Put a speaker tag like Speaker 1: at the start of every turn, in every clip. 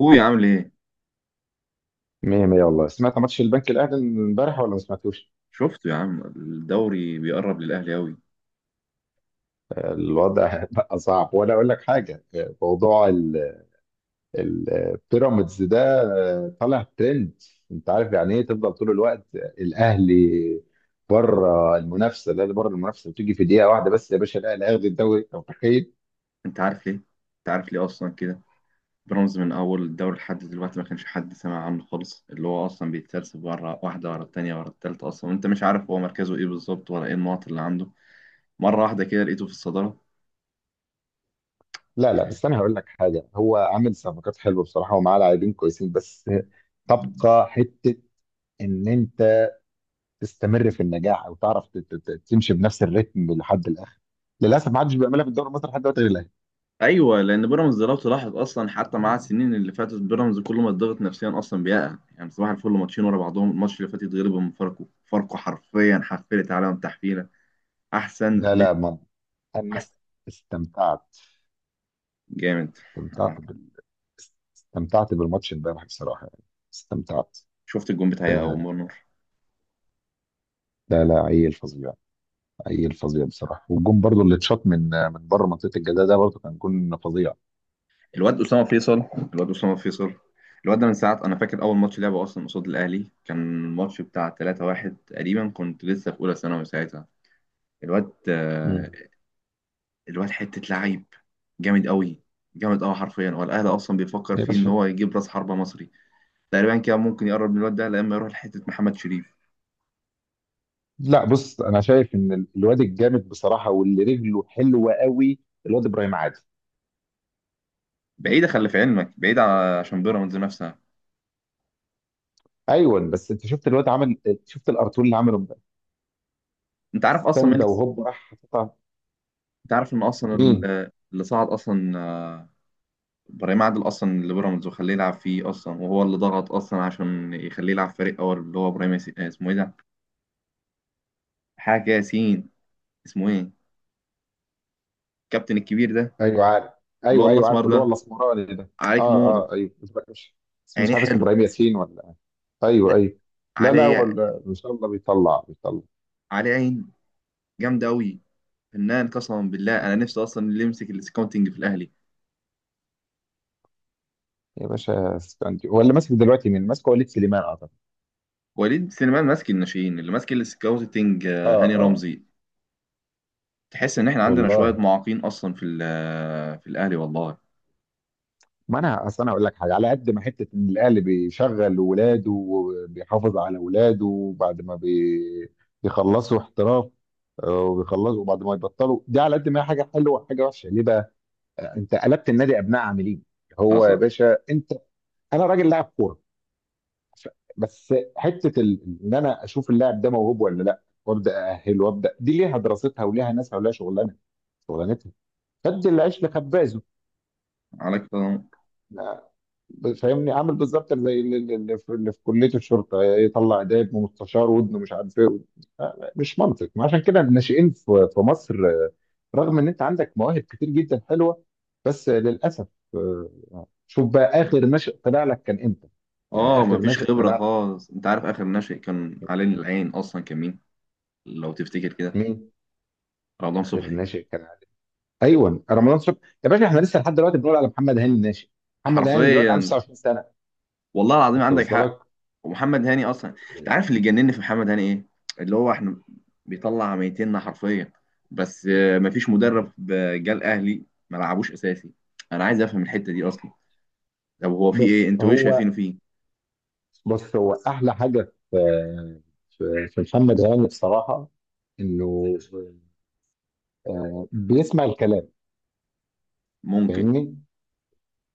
Speaker 1: هو عامل ايه؟
Speaker 2: مية مية والله، سمعت ماتش البنك الأهلي امبارح ولا ما سمعتوش؟
Speaker 1: شفته يا عم، الدوري بيقرب للاهلي قوي.
Speaker 2: الوضع بقى صعب، وأنا أقول لك حاجة. موضوع البيراميدز ده طالع ترند. أنت عارف يعني إيه تفضل طول الوقت الأهلي بره المنافسة؟ الأهلي بره المنافسة، بتيجي في دقيقة واحدة بس. يا باشا الأهلي هياخد الدوري، أنت متخيل؟
Speaker 1: انت عارف ليه، انت عارف ليه اصلا كده؟ بيراميدز من اول الدوري لحد دلوقتي ما كانش حد سمع عنه خالص، اللي هو اصلا بيتسلسل ورا واحده ورا التانيه ورا التالته اصلا، وانت مش عارف هو مركزه ايه بالظبط ولا ايه النقط اللي عنده. مره واحده كده لقيته في الصداره.
Speaker 2: لا، لا، بس أنا هقول لك حاجة. هو عامل صفقات حلوة بصراحة، ومعاه لاعبين كويسين، بس تبقى حتة إن أنت تستمر في النجاح أو تعرف تمشي بنفس الريتم لحد الآخر. للاسف ما حدش بيعملها في الدوري المصري لحد دلوقتي غير الاهلي.
Speaker 1: ايوه، لان بيراميدز لو تلاحظ اصلا حتى مع السنين اللي فاتت، بيراميدز كل ما اتضغط نفسيا اصلا بيقع. يعني صباح الفل ماتشين ورا بعضهم، الماتش اللي فات يتغلب من فاركو. فاركو حرفيا حفلت عليهم تحفيله. احسن.
Speaker 2: لا، لا، ما انا استمتعت.
Speaker 1: جامد.
Speaker 2: استمتعت
Speaker 1: آه.
Speaker 2: بال... استمتعت بالماتش امبارح بصراحه، يعني استمتعت.
Speaker 1: شفت الجون بتاعي او
Speaker 2: آه،
Speaker 1: مرمر؟
Speaker 2: لا، لا، عيل فظيع، عيل فظيع بصراحه. والجون برضو اللي اتشاط من بره منطقه الجزاء ده، برضو كان جون فظيع.
Speaker 1: الواد اسامه فيصل، الواد اسامه فيصل. الواد ده من ساعه، انا فاكر اول ماتش لعبه اصلا قصاد الاهلي، كان الماتش بتاع 3-1 تقريبا. كنت لسه في اولى ثانوي ساعتها. الواد
Speaker 2: مم.
Speaker 1: الواد حته لعيب جامد قوي. جامد قوي حرفيا. هو الاهلي اصلا بيفكر
Speaker 2: يا
Speaker 1: فيه ان
Speaker 2: باشا،
Speaker 1: هو يجيب راس حربه مصري. تقريبا كده ممكن يقرب من الواد ده لما يروح لحته محمد شريف.
Speaker 2: لا، بص انا شايف ان الواد الجامد بصراحه واللي رجله حلوه قوي، الواد ابراهيم عادل.
Speaker 1: بعيده، خلي في علمك بعيده، عشان بيراميدز نفسها.
Speaker 2: ايوه، بس انت شفت الارتول اللي عمله امبارح.
Speaker 1: انت عارف اصلا مين؟
Speaker 2: ستاندا وهوب راح حطها.
Speaker 1: انت عارف ان اصلا
Speaker 2: مين؟
Speaker 1: اللي صعد اصلا، آه، ابراهيم عادل اصلا اللي بيراميدز وخليه يلعب فيه اصلا، وهو اللي ضغط اصلا عشان يخليه يلعب فريق اول، اللي هو ابراهيم ياسين. اسمه ايه ده؟ حاجه ياسين. اسمه ايه؟ الكابتن الكبير ده،
Speaker 2: ايوه، عارف.
Speaker 1: اللي هو
Speaker 2: ايوه، ايوه،
Speaker 1: الاسمر
Speaker 2: عارف اللي هو
Speaker 1: ده.
Speaker 2: الاسمراني ده.
Speaker 1: عليك
Speaker 2: اه،
Speaker 1: نور.
Speaker 2: اه، ايوه، بس مش
Speaker 1: عينيه
Speaker 2: عارف اسمه
Speaker 1: حلو.
Speaker 2: ابراهيم ياسين ولا إيه. ايوه، ايوه. لا، لا، هو
Speaker 1: عليه.
Speaker 2: ان شاء الله بيطلع، بيطلع.
Speaker 1: عليه عين جامده قوي. فنان قسما بالله. انا نفسي اصلا اللي يمسك السكاوتنج في الاهلي.
Speaker 2: يا باشا استنتي، هو اللي ماسك دلوقتي مين؟ ماسك وليد سليمان اعتقد.
Speaker 1: وليد سليمان ماسك الناشئين، اللي ماسك السكاوتنج
Speaker 2: اه،
Speaker 1: هاني
Speaker 2: اه،
Speaker 1: رمزي. تحس ان احنا عندنا شويه
Speaker 2: والله.
Speaker 1: معاقين اصلا في في الاهلي والله.
Speaker 2: ما انا اصل انا اقول لك حاجه، على قد ما حته ان الاهل بيشغل ولاده وبيحافظ على ولاده بعد ما بيخلصوا احتراف. وبيخلصوا وبعد ما يبطلوا دي، على قد ما هي حاجه حلوه، حاجه وحشه ليه بقى. انت قلبت النادي ابناء عاملين. هو يا
Speaker 1: حصل.
Speaker 2: باشا انت انا راجل لاعب كوره. ف- بس حته ان انا اشوف اللاعب ده موهوب ولا لا. وابدا ااهله وابدا، دي ليها دراستها وليها ناسها وليها شغلانتها. خد العيش لخبازه.
Speaker 1: عليك.
Speaker 2: فاهمني، عامل بالظبط زي اللي في كليه الشرطه، يطلع ده يبقى مستشار وابنه مش عارف ايه. مش منطق. ما عشان كده الناشئين في مصر، رغم ان انت عندك مواهب كتير جدا حلوه، بس للاسف شوف بقى اخر ناشئ طلع لك كان امتى؟ يعني
Speaker 1: اه
Speaker 2: اخر
Speaker 1: مفيش
Speaker 2: ناشئ
Speaker 1: خبرة
Speaker 2: طلع لك
Speaker 1: خالص. انت عارف اخر ناشئ كان علينا العين اصلا كان مين؟ لو تفتكر كده.
Speaker 2: مين؟
Speaker 1: رمضان
Speaker 2: اخر
Speaker 1: صبحي.
Speaker 2: ناشئ كان؟ ايوه، رمضان صبحي. يا باشا احنا لسه لحد دلوقتي بنقول على محمد هاني الناشئ. محمد هاني دلوقتي عنده
Speaker 1: حرفيا.
Speaker 2: 29 سنه.
Speaker 1: والله العظيم
Speaker 2: انت
Speaker 1: عندك حق.
Speaker 2: وصلك؟
Speaker 1: ومحمد هاني اصلا، انت عارف اللي جنني في محمد هاني ايه؟ اللي هو احنا بيطلع ميتيننا حرفيا. بس مفيش مدرب. جه الاهلي ما لعبوش اساسي. انا عايز افهم الحتة دي اصلا. طب هو في ايه؟
Speaker 2: بص
Speaker 1: انتوا ايه
Speaker 2: هو
Speaker 1: شايفينه فيه؟
Speaker 2: بص هو احلى حاجه في محمد هاني بصراحه، انه بيسمع الكلام.
Speaker 1: ممكن.
Speaker 2: فاهمني،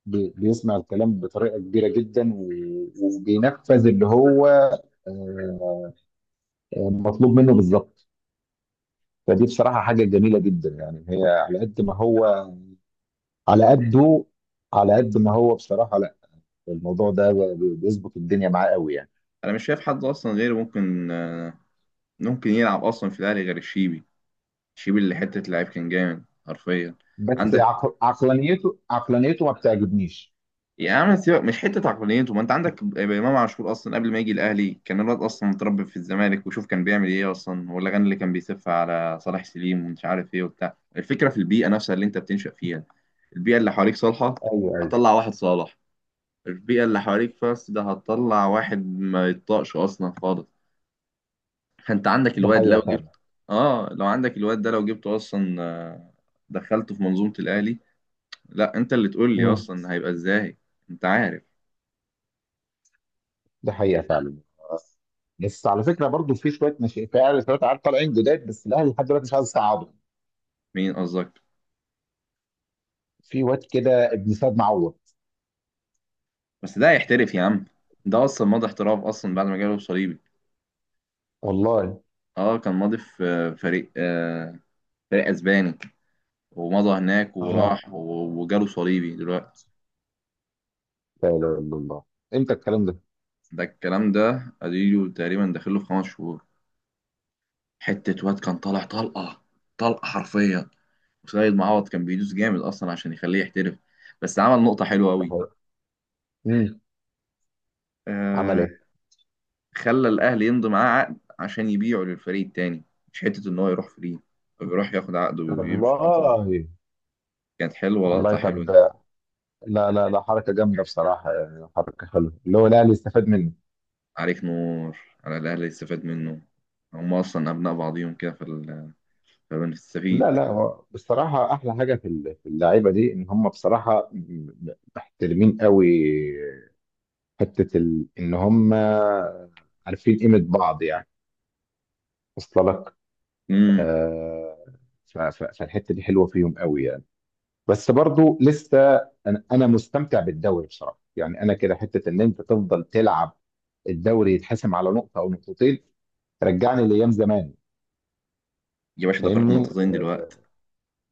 Speaker 2: بيسمع الكلام بطريقه كبيره جدا، وبينفذ اللي هو آه، مطلوب منه بالظبط. فدي بصراحه حاجه جميله جدا، يعني هي على قده، على قد ما هو بصراحه. لا، الموضوع ده بيظبط الدنيا معاه قوي يعني.
Speaker 1: انا مش شايف حد اصلا غيره ممكن، ممكن يلعب اصلا في الاهلي غير الشيبي. شيب اللي حته لعيب كان جامد حرفيا.
Speaker 2: بس
Speaker 1: عندك.
Speaker 2: عقلانيته ما بتعجبنيش.
Speaker 1: يا عم سيبك، مش حته عقلانيته. ما انت عندك امام عاشور اصلا قبل ما يجي الاهلي، كان الواد اصلا متربي في الزمالك وشوف كان بيعمل ايه اصلا، والاغاني اللي كان بيسف على صلاح سليم ومش عارف ايه وبتاع. الفكره في البيئه نفسها اللي انت بتنشأ فيها. البيئه اللي حواليك صالحه،
Speaker 2: ايوه، ايوه،
Speaker 1: هتطلع واحد صالح. البيئه اللي حواليك فاست ده، هتطلع واحد ما يطاقش اصلا خالص. فانت عندك
Speaker 2: دي
Speaker 1: الواد
Speaker 2: حقيقه
Speaker 1: لو جبت.
Speaker 2: فعلا.
Speaker 1: اه لو عندك الواد ده لو جبته اصلا، دخلته في منظومه الاهلي. لا انت اللي تقول لي
Speaker 2: مم.
Speaker 1: اصلا هيبقى ازاي. انت عارف.
Speaker 2: ده حقيقة فعلا. بس على فكرة برضو، في شوية ناشئين في أهلي. شوية عيال طالعين جداد، بس الأهلي لحد دلوقتي مش عايز يصعدهم.
Speaker 1: مين قصدك؟
Speaker 2: في واد كده ابن سيد معوض.
Speaker 1: بس ده هيحترف يا عم. ده اصلا ماضي احتراف اصلا بعد ما جاله صليبي.
Speaker 2: والله.
Speaker 1: اه كان ماضي في فريق، آه فريق اسباني، ومضى هناك
Speaker 2: اه،
Speaker 1: وراح وجاله صليبي دلوقتي.
Speaker 2: لا إله إلا الله. امتى الكلام ده؟
Speaker 1: ده الكلام ده اديله تقريبا داخله في خمس شهور. حتة واد كان طالع طلقة. طلقة حرفيا. وسيد معوض كان بيدوس جامد اصلا عشان يخليه يحترف. بس عمل نقطة حلوة قوي.
Speaker 2: امم عمل ايه؟
Speaker 1: خلى الاهلي يمضي معاه عقد عشان يبيعه للفريق التاني، مش حته ان هو يروح فري. طب يروح ياخد عقده ويمشي على طول.
Speaker 2: والله.
Speaker 1: كانت حلوه،
Speaker 2: والله
Speaker 1: لقطه حلوه
Speaker 2: طب.
Speaker 1: دي.
Speaker 2: لا، لا، لا، حركة جامدة بصراحة، يعني حركة حلوة اللي هو الأهلي استفاد منه.
Speaker 1: عليك نور. على الاهلي يستفاد منه. هم اصلا ابناء بعضيهم كده في
Speaker 2: لا،
Speaker 1: فبنستفيد.
Speaker 2: لا، هو بصراحة أحلى حاجة في اللعيبة دي، إن هم بصراحة محترمين قوي. حته ان هم عارفين قيمه بعض يعني. وصل لك؟
Speaker 1: امم.
Speaker 2: آه فالحته دي حلوه فيهم قوي يعني. بس برضو لسه انا مستمتع بالدوري بصراحه يعني. انا كده حته ان انت تفضل تلعب، الدوري يتحسم على نقطه او نقطتين، رجعني لايام زمان.
Speaker 1: يا باشا ده فرق
Speaker 2: فاهمني؟
Speaker 1: نقطتين دلوقتي.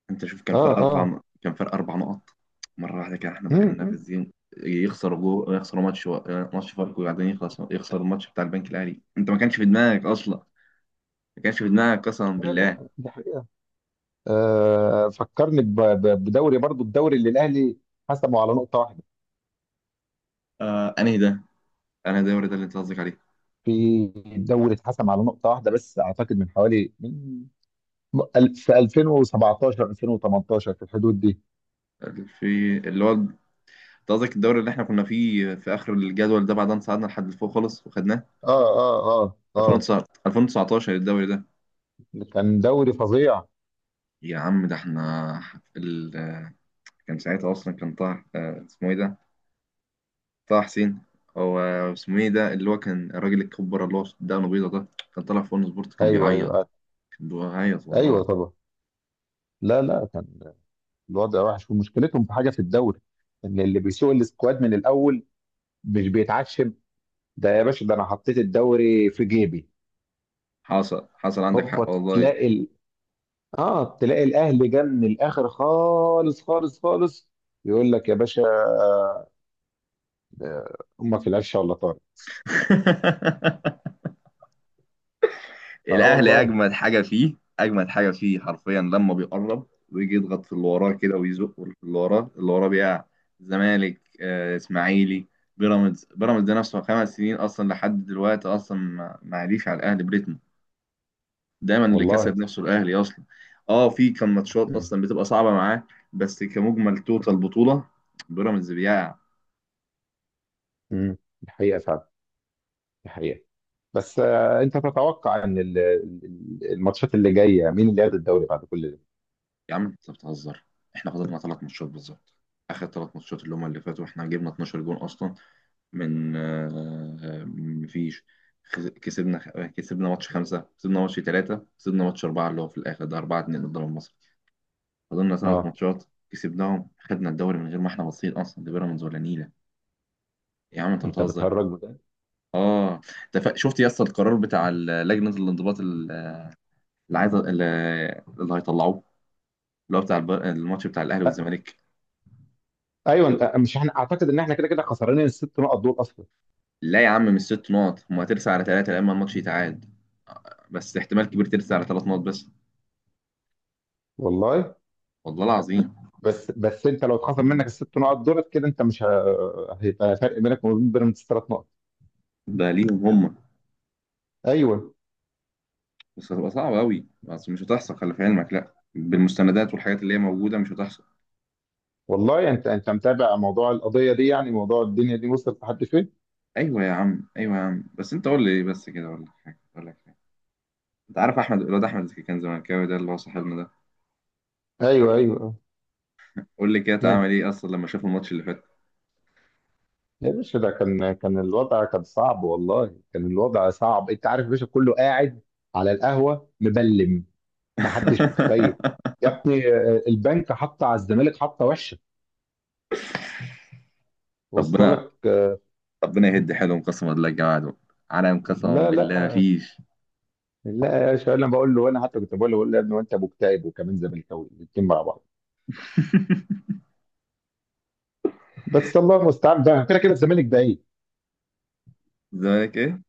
Speaker 1: انت شوف كان
Speaker 2: اه،
Speaker 1: فرق
Speaker 2: اه، آه.
Speaker 1: كان فرق اربع نقط. مره واحده كده احنا
Speaker 2: مم،
Speaker 1: دخلنا في
Speaker 2: مم.
Speaker 1: الزين. يخسروا جو، يخسروا ماتش و... ماتش فاركو، وبعدين يخلص يخسر الماتش بتاع البنك الاهلي. انت ما كانش في دماغك اصلا، ما كانش في دماغك قسما
Speaker 2: لا،
Speaker 1: بالله.
Speaker 2: لا، دي حقيقة. فكرني بدوري برضو، الدوري اللي الاهلي حسمه على نقطة واحدة.
Speaker 1: آه انهي ده؟ انا الدوري ده اللي انت قصدك عليه؟
Speaker 2: في الدوري اتحسم على نقطة واحدة بس، أعتقد من حوالي من في 2017، 2018، في الحدود دي.
Speaker 1: في اللي هو، انت قصدك الدوري اللي احنا كنا فيه في اخر الجدول ده، بعد ما صعدنا لحد لفوق خالص وخدناه؟
Speaker 2: اه، اه، اه، اه،
Speaker 1: 2019. 2019 الدوري ده.
Speaker 2: كان دوري فظيع.
Speaker 1: يا عم ده احنا ال... كان ساعتها اصلا كان طه، اسمه ايه ده؟ طه حسين. هو اسمه ايه ده، اللي هو كان الراجل الكبره اللي هو دقنه بيضه ده؟ كان طالع في اون سبورت كان
Speaker 2: ايوه، ايوه،
Speaker 1: بيعيط.
Speaker 2: آه.
Speaker 1: كان بيعيط
Speaker 2: ايوه
Speaker 1: والله.
Speaker 2: طبعا. لا، لا، كان الوضع وحش. ومشكلتهم في حاجة في الدوري، إن اللي بيسوق السكواد من الأول مش بيتعشم. ده يا باشا، ده أنا حطيت الدوري في جيبي.
Speaker 1: حصل، حصل عندك
Speaker 2: هوبا
Speaker 1: حق والله.
Speaker 2: تلاقي ال... اه تلاقي الأهلي جه من الآخر، خالص خالص خالص. يقول لك يا باشا، ده امك القشه ولا طارق. اه،
Speaker 1: الاهلي
Speaker 2: والله.
Speaker 1: اجمد حاجه فيه، اجمد حاجه فيه حرفيا، لما بيقرب ويجي يضغط في اللي وراه كده، ويزق في اللي وراه، اللي وراه بيقع. زمالك، اسماعيلي. بيراميدز، بيراميدز ده نفسه خمس سنين اصلا لحد دلوقتي اصلا ما ما عاديش على الاهلي بريتم. دايما اللي
Speaker 2: والله.
Speaker 1: كسب نفسه الاهلي اصلا. اه في كان ماتشات
Speaker 2: امم
Speaker 1: اصلا بتبقى صعبه معاه، بس كمجمل توتال بطوله بيراميدز بيقع.
Speaker 2: دي حقيقه فعلا، دي حقيقه. بس انت تتوقع ان الماتشات اللي جايه، مين اللي ياخد الدوري بعد كل ده؟
Speaker 1: يا عم انت بتهزر. احنا خسرنا ثلاث ماتشات بالظبط. اخر ثلاث ماتشات اللي هم اللي فاتوا، احنا جبنا 12 جون اصلا. من مفيش. كسبنا. كسبنا ماتش خمسة، كسبنا ماتش ثلاثة، كسبنا ماتش أربعة اللي هو في الآخر ده، أربعة اتنين قدام مصر. فضلنا ثلاث
Speaker 2: اه،
Speaker 1: ماتشات، كسبناهم، خدنا الدوري من غير ما احنا باصين أصلا لبيراميدز ولا نيلة. يا عم أنت
Speaker 2: انت
Speaker 1: بتهزر.
Speaker 2: بتهرج من ده.
Speaker 1: آه. ده شفت يا اسطى القرار بتاع لجنة الانضباط اللي عايزة، اللي، اللي هيطلعوه، اللي هو بتاع الماتش بتاع الأهلي
Speaker 2: آه،
Speaker 1: والزمالك.
Speaker 2: ايوه، انت مش، احنا اعتقد ان احنا كده كده خسرانين الست نقط دول اصلا.
Speaker 1: لا يا عم مش ست نقط، هما هترسى على ثلاثة لما الماتش يتعاد. بس احتمال كبير ترسى على ثلاث نقط بس.
Speaker 2: والله،
Speaker 1: والله العظيم.
Speaker 2: بس انت لو اتخصم منك الست نقط دول كده، انت مش ه- هيبقى فرق بينك وبين بيراميدز ثلاث نقط.
Speaker 1: ده ليهم هم.
Speaker 2: ايوه،
Speaker 1: بس هتبقى صعبة أوي، بس مش هتحصل. خلي في علمك، لأ بالمستندات والحاجات اللي هي موجودة مش هتحصل.
Speaker 2: والله. انت متابع موضوع القضيه دي، يعني موضوع الدنيا دي وصلت لحد فين؟
Speaker 1: أيوة يا عم، أيوة يا عم. بس أنت قول لي إيه بس كده. أقول لك حاجة، أقول لك حاجة. أنت عارف أحمد، الواد أحمد اللي كان زملكاوي ده، اللي هو صاحبنا ده.
Speaker 2: ايوه، ايوه،
Speaker 1: قول لي كده
Speaker 2: آه.
Speaker 1: اتعمل إيه أصلا لما شاف الماتش اللي فات؟
Speaker 2: يا باشا، ده كان الوضع كان صعب. والله كان الوضع صعب. انت عارف يا باشا، كله قاعد على القهوه مبلم. ما حدش متخيل. يا ابني البنك حط على الزمالك حطه وحشه. وصل
Speaker 1: ربنا،
Speaker 2: لك؟
Speaker 1: ربنا يهد حيلهم قسما بالله. يا جماعة دول عالم قسما
Speaker 2: لا،
Speaker 1: بالله،
Speaker 2: لا،
Speaker 1: مفيش.
Speaker 2: لا، يا باشا. انا بقول له، انا حتى كنت بقول له يا ابني وانت مكتئب وكمان زملكاوي، الاثنين مع بعض. بس الله المستعان بقى. كده كده الزمالك بعيد.
Speaker 1: الزمالك إيه؟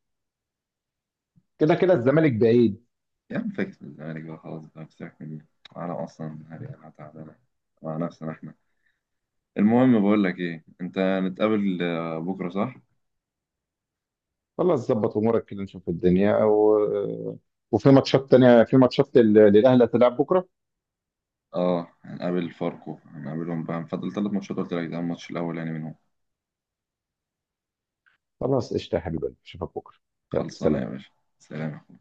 Speaker 2: كده كده الزمالك بعيد.
Speaker 1: يا عم فاكس من الزمالك بقى، خلاص بقى بسيبك مني. عالم أصلا هذه، أنا تعبانة مع نفسنا إحنا. المهم، بقول لك ايه، انت هنتقابل بكره صح؟
Speaker 2: خلاص، ظبط امورك كده نشوف الدنيا، وفي ماتشات تانيه، في ماتشات للاهلي هتلعب بكره.
Speaker 1: اه هنقابل فاركو، هنقابلهم بقى، هنفضل ثلاث ماتشات قلت لك، ده الماتش الاول يعني منهم.
Speaker 2: خلاص، قشطة يا حبيبي، اشوفك بكرة. يلا
Speaker 1: خلصانه يا
Speaker 2: سلام.
Speaker 1: باشا. سلام.